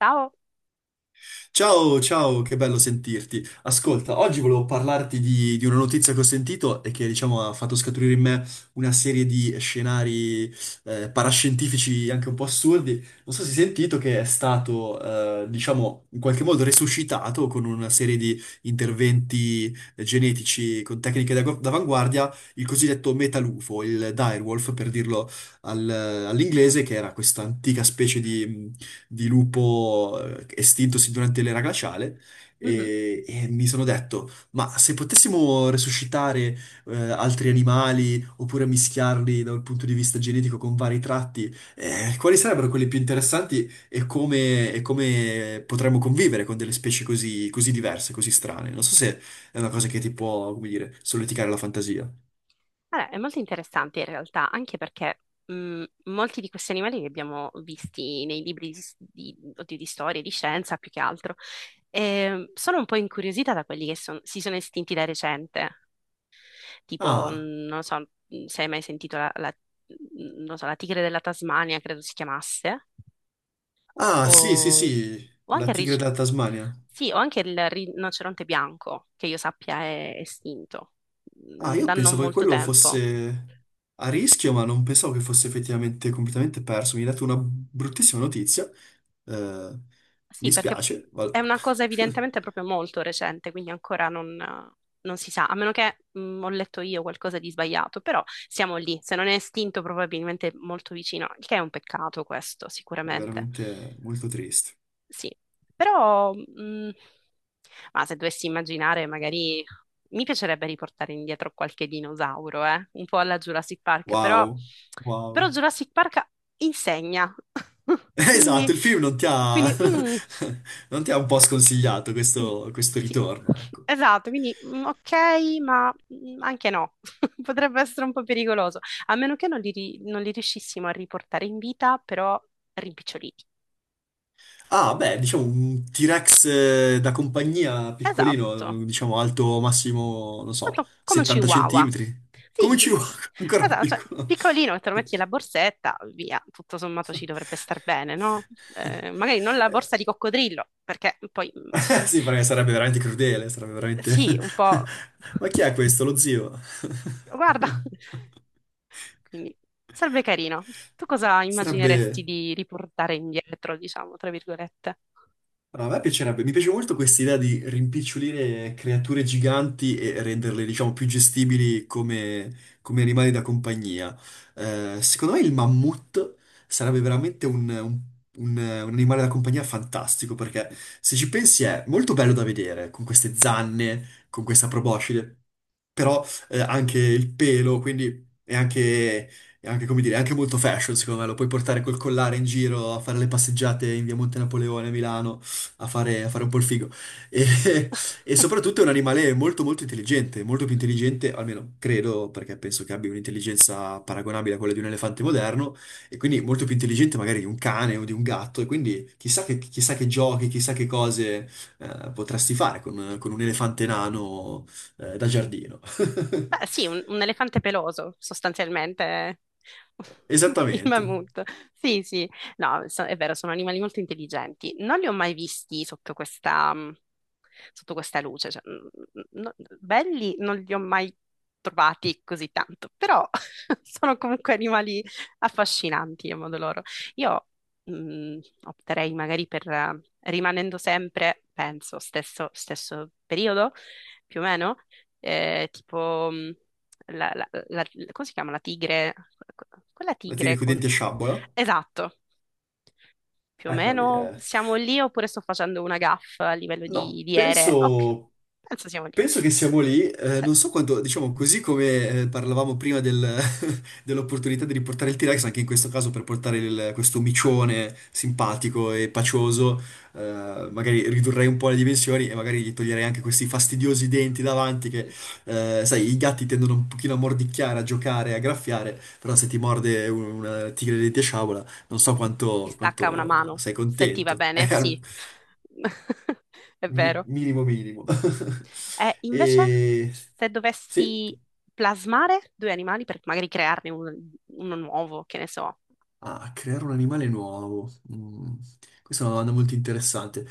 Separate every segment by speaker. Speaker 1: Ciao.
Speaker 2: Ciao, ciao, che bello sentirti. Ascolta, oggi volevo parlarti di una notizia che ho sentito e che, diciamo, ha fatto scaturire in me una serie di scenari parascientifici anche un po' assurdi. Non so se hai sentito che è stato, diciamo, in qualche modo resuscitato con una serie di interventi genetici con tecniche d'avanguardia, il cosiddetto metalufo, il direwolf per dirlo al- all'inglese, che era questa antica specie di lupo estintosi durante l'era glaciale
Speaker 1: Mhm.
Speaker 2: e mi sono detto, ma se potessimo resuscitare altri animali oppure mischiarli da un punto di vista genetico con vari tratti, quali sarebbero quelli più interessanti e come potremmo convivere con delle specie così, così diverse, così strane? Non so se è una cosa che ti può, come dire, solleticare la fantasia.
Speaker 1: Allora, è molto interessante in realtà, anche perché molti di questi animali li abbiamo visti nei libri di, oddio, di storia, di scienza più che altro. E sono un po' incuriosita da quelli che si sono estinti da recente, tipo,
Speaker 2: Ah,
Speaker 1: non so, se hai mai sentito non so, la tigre della Tasmania, credo si chiamasse,
Speaker 2: sì, sì,
Speaker 1: o,
Speaker 2: sì,
Speaker 1: o
Speaker 2: la
Speaker 1: anche
Speaker 2: tigre della Tasmania.
Speaker 1: sì, o anche il rinoceronte bianco, che io sappia è estinto
Speaker 2: Ah, io
Speaker 1: da non
Speaker 2: pensavo che
Speaker 1: molto
Speaker 2: quello
Speaker 1: tempo.
Speaker 2: fosse a rischio, ma non pensavo che fosse effettivamente completamente perso. Mi hai dato una bruttissima notizia. Eh,
Speaker 1: Sì,
Speaker 2: mi
Speaker 1: perché
Speaker 2: spiace, ma
Speaker 1: è una cosa
Speaker 2: è
Speaker 1: evidentemente proprio molto recente, quindi ancora non, non si sa, a meno che ho letto io qualcosa di sbagliato, però siamo lì, se non è estinto probabilmente molto vicino, il che è un peccato questo, sicuramente.
Speaker 2: veramente molto triste.
Speaker 1: Sì, però ma se dovessi immaginare, magari mi piacerebbe riportare indietro qualche dinosauro, eh? Un po' alla Jurassic Park, però,
Speaker 2: Wow, wow.
Speaker 1: però Jurassic Park insegna, quindi,
Speaker 2: Esatto, il film non ti ha,
Speaker 1: quindi mm.
Speaker 2: non ti ha un po' sconsigliato
Speaker 1: Quindi
Speaker 2: questo, questo
Speaker 1: sì,
Speaker 2: ritorno, ecco.
Speaker 1: esatto, ok, ma anche no, potrebbe essere un po' pericoloso, a meno che non li riuscissimo a riportare in vita, però rimpiccioliti.
Speaker 2: Ah, beh, diciamo un T-Rex da compagnia
Speaker 1: Esatto,
Speaker 2: piccolino, diciamo alto massimo, non so,
Speaker 1: Come un
Speaker 2: 70
Speaker 1: chihuahua.
Speaker 2: centimetri.
Speaker 1: Sì,
Speaker 2: Come ci
Speaker 1: sì,
Speaker 2: vuole ancora più
Speaker 1: esatto, cioè,
Speaker 2: piccolo?
Speaker 1: piccolino, te lo metti nella borsetta, via, tutto sommato ci dovrebbe star bene, no? Magari non la borsa di coccodrillo, perché sì,
Speaker 2: Sì, perché sarebbe veramente crudele, sarebbe veramente...
Speaker 1: sì, un po'...
Speaker 2: Ma chi è questo? Lo zio?
Speaker 1: Guarda. Quindi sarebbe carino. Tu cosa immagineresti
Speaker 2: Sarebbe...
Speaker 1: di riportare indietro, diciamo, tra virgolette?
Speaker 2: No, a me piacerebbe, mi piace molto questa idea di rimpicciolire creature giganti e renderle, diciamo, più gestibili come, come animali da compagnia. Secondo me il mammut sarebbe veramente un animale da compagnia fantastico, perché se ci pensi è molto bello da vedere, con queste zanne, con questa proboscide, però anche il pelo, quindi è anche, come dire, è anche molto fashion, secondo me, lo puoi portare col collare in giro a fare le passeggiate in via Monte Napoleone a Milano a fare un po' il figo. E, e soprattutto è un animale molto molto intelligente, molto più intelligente, almeno credo, perché penso che abbia un'intelligenza paragonabile a quella di un elefante moderno, e quindi molto più intelligente magari di un cane o di un gatto, e quindi chissà che giochi, chissà che cose potresti fare con un elefante nano da giardino.
Speaker 1: Beh, sì, un elefante peloso, sostanzialmente. Il
Speaker 2: Esattamente.
Speaker 1: mammut. Sì, sì. No, è vero, sono animali molto intelligenti. Non li ho mai visti sotto questa, sotto questa luce. Cioè, mm, no- belli non li ho mai trovati così tanto, però sono comunque animali affascinanti a modo loro. Io opterei magari per, rimanendo sempre, penso, stesso stesso periodo, più o meno tipo la, la- la- come si chiama? La tigre, quella
Speaker 2: La tigre
Speaker 1: tigre
Speaker 2: con i
Speaker 1: con...
Speaker 2: denti a sciabola.
Speaker 1: Esatto, più o
Speaker 2: Eccola lì.
Speaker 1: meno siamo lì oppure sto facendo una gaffa a livello
Speaker 2: No,
Speaker 1: di ere? Ok,
Speaker 2: penso...
Speaker 1: penso siamo lì.
Speaker 2: Penso che siamo lì,
Speaker 1: Cioè,
Speaker 2: non so quanto, diciamo così come parlavamo prima dell'opportunità di riportare il T-Rex, anche in questo caso per portare questo micione simpatico e pacioso, magari ridurrei un po' le dimensioni e magari gli toglierei anche questi fastidiosi denti davanti che,
Speaker 1: sì,
Speaker 2: sai, i
Speaker 1: sì,
Speaker 2: gatti tendono un pochino a mordicchiare, a giocare, a graffiare, però se ti morde una tigre di sciabola, non so
Speaker 1: ti, ti
Speaker 2: quanto,
Speaker 1: stacca una
Speaker 2: quanto
Speaker 1: mano,
Speaker 2: sei
Speaker 1: se ti va
Speaker 2: contento. È
Speaker 1: bene,
Speaker 2: al
Speaker 1: sì, è vero.
Speaker 2: minimo minimo.
Speaker 1: Invece,
Speaker 2: E...
Speaker 1: se
Speaker 2: Sì?
Speaker 1: dovessi plasmare due animali per magari crearne uno, uno nuovo, che ne so.
Speaker 2: Ah, creare un animale nuovo. Mm, questa è una domanda molto interessante.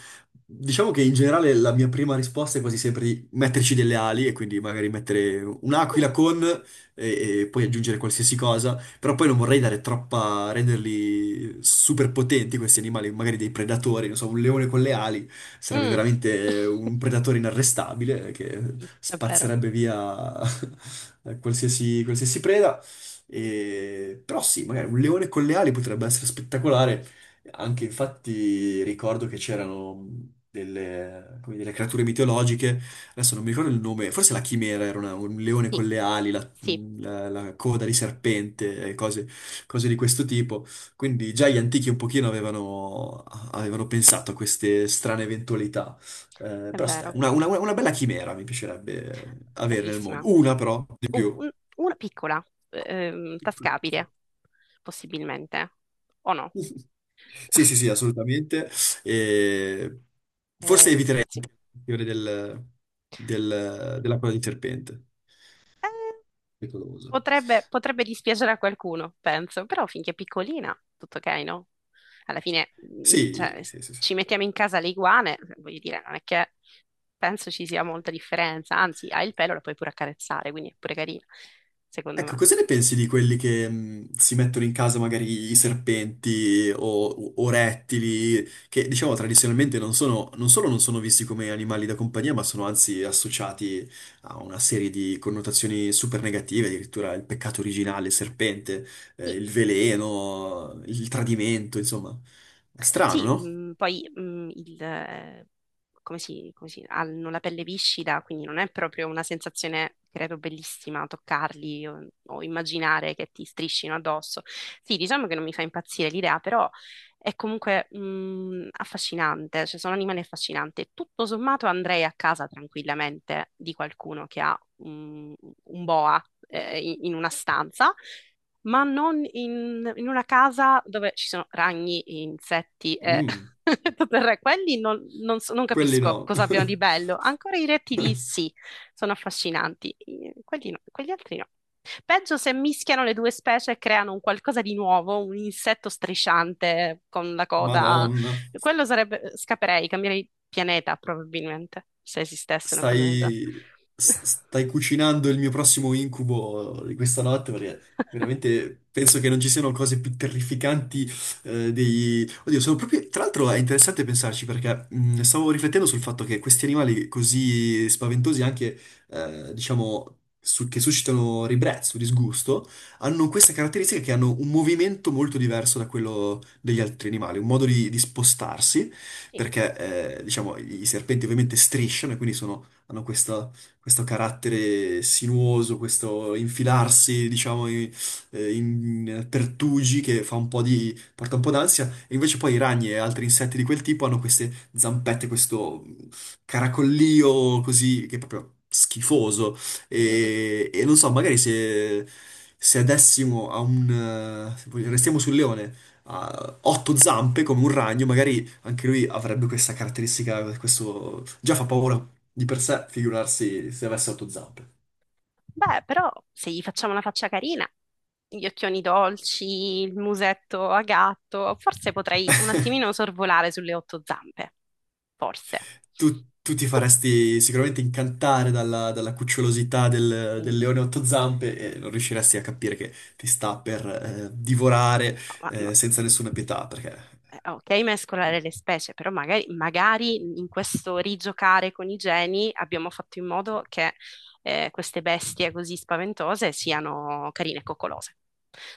Speaker 2: Diciamo che in generale la mia prima risposta è quasi sempre di metterci delle ali e quindi magari mettere un'aquila
Speaker 1: Mm,
Speaker 2: con e poi aggiungere qualsiasi cosa, però poi non vorrei dare troppa, renderli super potenti questi animali, magari dei predatori, non so, un leone con le ali sarebbe
Speaker 1: mm,
Speaker 2: veramente un predatore inarrestabile che
Speaker 1: è vero.
Speaker 2: spazzerebbe via qualsiasi, qualsiasi preda. E- Però sì, magari un leone con le ali potrebbe essere spettacolare. Anche infatti ricordo che c'erano delle, come delle creature mitologiche, adesso non mi ricordo il nome, forse la chimera era un leone
Speaker 1: Sì,
Speaker 2: con le ali, la,
Speaker 1: sì,
Speaker 2: la coda di serpente, e cose, cose di questo tipo. Quindi già gli antichi un pochino avevano, avevano pensato a queste strane eventualità.
Speaker 1: è
Speaker 2: Però stai,
Speaker 1: vero.
Speaker 2: una bella chimera mi piacerebbe avere nel
Speaker 1: Bellissima.
Speaker 2: mondo. Una però, di
Speaker 1: Uh,
Speaker 2: più.
Speaker 1: un- una piccola,
Speaker 2: Sì.
Speaker 1: tascabile, possibilmente. O no?
Speaker 2: Sì, sì, sì, assolutamente. E forse
Speaker 1: Ehm,
Speaker 2: eviterei
Speaker 1: sì.
Speaker 2: il fiore della coda di serpente,
Speaker 1: Eh,
Speaker 2: pericoloso.
Speaker 1: potrebbe, potrebbe dispiacere a qualcuno, penso, però finché è piccolina, tutto ok, no? Alla fine,
Speaker 2: Sì,
Speaker 1: cioè,
Speaker 2: sì, sì, sì.
Speaker 1: ci mettiamo in casa le iguane, voglio dire, non è che penso ci sia molta differenza, anzi, hai il pelo, la puoi pure accarezzare, quindi è pure carina, secondo
Speaker 2: Ecco,
Speaker 1: me.
Speaker 2: cosa ne pensi di quelli che si mettono in casa magari i serpenti o rettili, che diciamo tradizionalmente non sono, non solo non sono visti come animali da compagnia, ma sono anzi associati a una serie di connotazioni super negative, addirittura il peccato originale, il serpente,
Speaker 1: Sì,
Speaker 2: il veleno, il tradimento, insomma. È strano,
Speaker 1: sì,
Speaker 2: no?
Speaker 1: poi hanno la pelle viscida, quindi non è proprio una sensazione, credo, bellissima toccarli o immaginare che ti striscino addosso. Sì, diciamo che non mi fa impazzire l'idea, però è comunque affascinante, cioè sono animali affascinanti. Tutto sommato andrei a casa tranquillamente di qualcuno che ha un boa in una stanza ma non in, in una casa dove ci sono ragni, insetti e
Speaker 2: Mm,
Speaker 1: tutto il re. Quelli non
Speaker 2: quelli
Speaker 1: capisco
Speaker 2: no.
Speaker 1: cosa abbiano di bello. Ancora i rettili sì, sono affascinanti. Quelli no, quegli altri no. Peggio se mischiano le due specie e creano un qualcosa di nuovo, un insetto strisciante con la coda.
Speaker 2: Madonna.
Speaker 1: Quello sarebbe... Scapperei, cambierei pianeta probabilmente, se esistesse una cosa del genere.
Speaker 2: Stai, stai cucinando il mio prossimo incubo di questa notte perché veramente penso che non ci siano cose più terrificanti dei... Oddio, sono proprio... Tra l'altro è interessante pensarci perché stavo riflettendo sul fatto che questi animali così spaventosi anche, diciamo, che suscitano ribrezzo, disgusto, hanno questa caratteristica che hanno un movimento molto diverso da quello degli altri animali, un modo di spostarsi
Speaker 1: Sì.
Speaker 2: perché diciamo i serpenti ovviamente strisciano e quindi hanno questo carattere sinuoso, questo infilarsi, diciamo, in, in pertugi che fa un po' di, porta un po' d'ansia, e invece poi i ragni e altri insetti di quel tipo hanno queste zampette, questo caracollio così, che è proprio schifoso,
Speaker 1: Mm, mm, mm.
Speaker 2: e non so, magari se... Se adessimo a un... se restiamo sul leone, a otto zampe come un ragno, magari anche lui avrebbe questa caratteristica, questo... Già fa paura di per sé, figurarsi se avesse otto zampe.
Speaker 1: Beh, però se gli facciamo una faccia carina, gli occhioni dolci, il musetto a gatto, forse potrei un attimino sorvolare sulle otto zampe. Forse.
Speaker 2: Tu ti
Speaker 1: Tu...
Speaker 2: faresti sicuramente incantare dalla, dalla cucciolosità del,
Speaker 1: Mm.
Speaker 2: del leone a otto zampe e non riusciresti a capire che ti sta per divorare
Speaker 1: ma- ma-
Speaker 2: senza nessuna pietà, perché
Speaker 1: ok, mescolare le specie, però magari, magari in questo rigiocare con i geni abbiamo fatto in modo che queste bestie così spaventose siano carine e coccolose.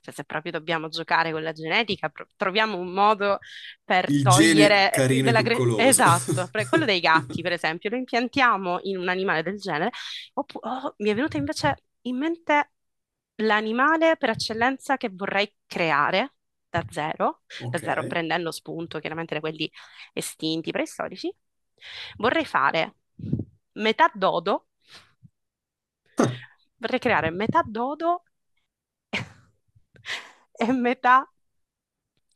Speaker 1: Cioè, se proprio dobbiamo giocare con la genetica, troviamo un modo per
Speaker 2: il gene
Speaker 1: togliere
Speaker 2: carino e coccoloso.
Speaker 1: esatto, quello dei gatti, per esempio, lo impiantiamo in un animale del genere. Oh, mi è venuta invece in mente l'animale per eccellenza che vorrei creare da zero, da
Speaker 2: Ok.
Speaker 1: zero prendendo spunto chiaramente da quelli estinti, preistorici. Vorrei fare metà dodo, vorrei creare metà dodo e metà,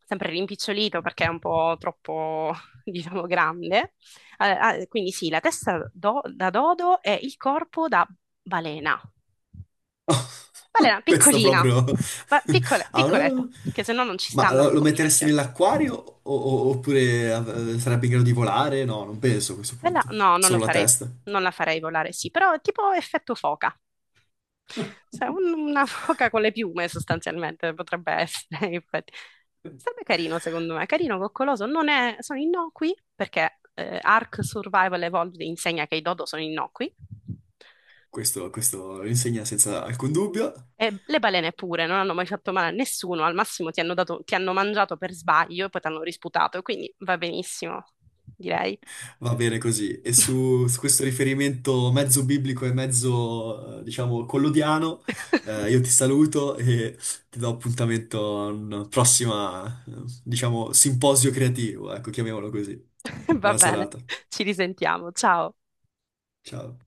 Speaker 1: sempre rimpicciolito perché è un po' troppo, diciamo, grande. Quindi sì, la testa da dodo e il corpo da balena. Balena
Speaker 2: Questo
Speaker 1: piccolina,
Speaker 2: proprio... Ah,
Speaker 1: piccoletta,
Speaker 2: no.
Speaker 1: perché se no non ci
Speaker 2: Ma lo
Speaker 1: stanno
Speaker 2: lo
Speaker 1: come
Speaker 2: metteresti
Speaker 1: dimensioni.
Speaker 2: nell'acquario oppure sarebbe in grado di volare? No, non penso a questo
Speaker 1: Bella,
Speaker 2: punto.
Speaker 1: no, non lo
Speaker 2: Solo la
Speaker 1: farei,
Speaker 2: testa.
Speaker 1: non la farei volare, sì, però tipo effetto foca. Cioè, una foca con le piume sostanzialmente potrebbe essere, infatti. Sarebbe carino, secondo me, carino, coccoloso. Non è... Sono innocui perché Ark Survival Evolved insegna che i dodo sono innocui.
Speaker 2: Questo lo insegna senza alcun dubbio.
Speaker 1: E le balene pure non hanno mai fatto male a nessuno, al massimo ti hanno mangiato per sbaglio e poi ti hanno risputato, quindi va benissimo, direi.
Speaker 2: Va bene così. E su questo riferimento mezzo biblico e mezzo, diciamo, collodiano, io ti saluto e ti do appuntamento a un prossimo, diciamo, simposio creativo, ecco, chiamiamolo così.
Speaker 1: Va
Speaker 2: Buona
Speaker 1: bene,
Speaker 2: serata.
Speaker 1: ci risentiamo, ciao.
Speaker 2: Ciao.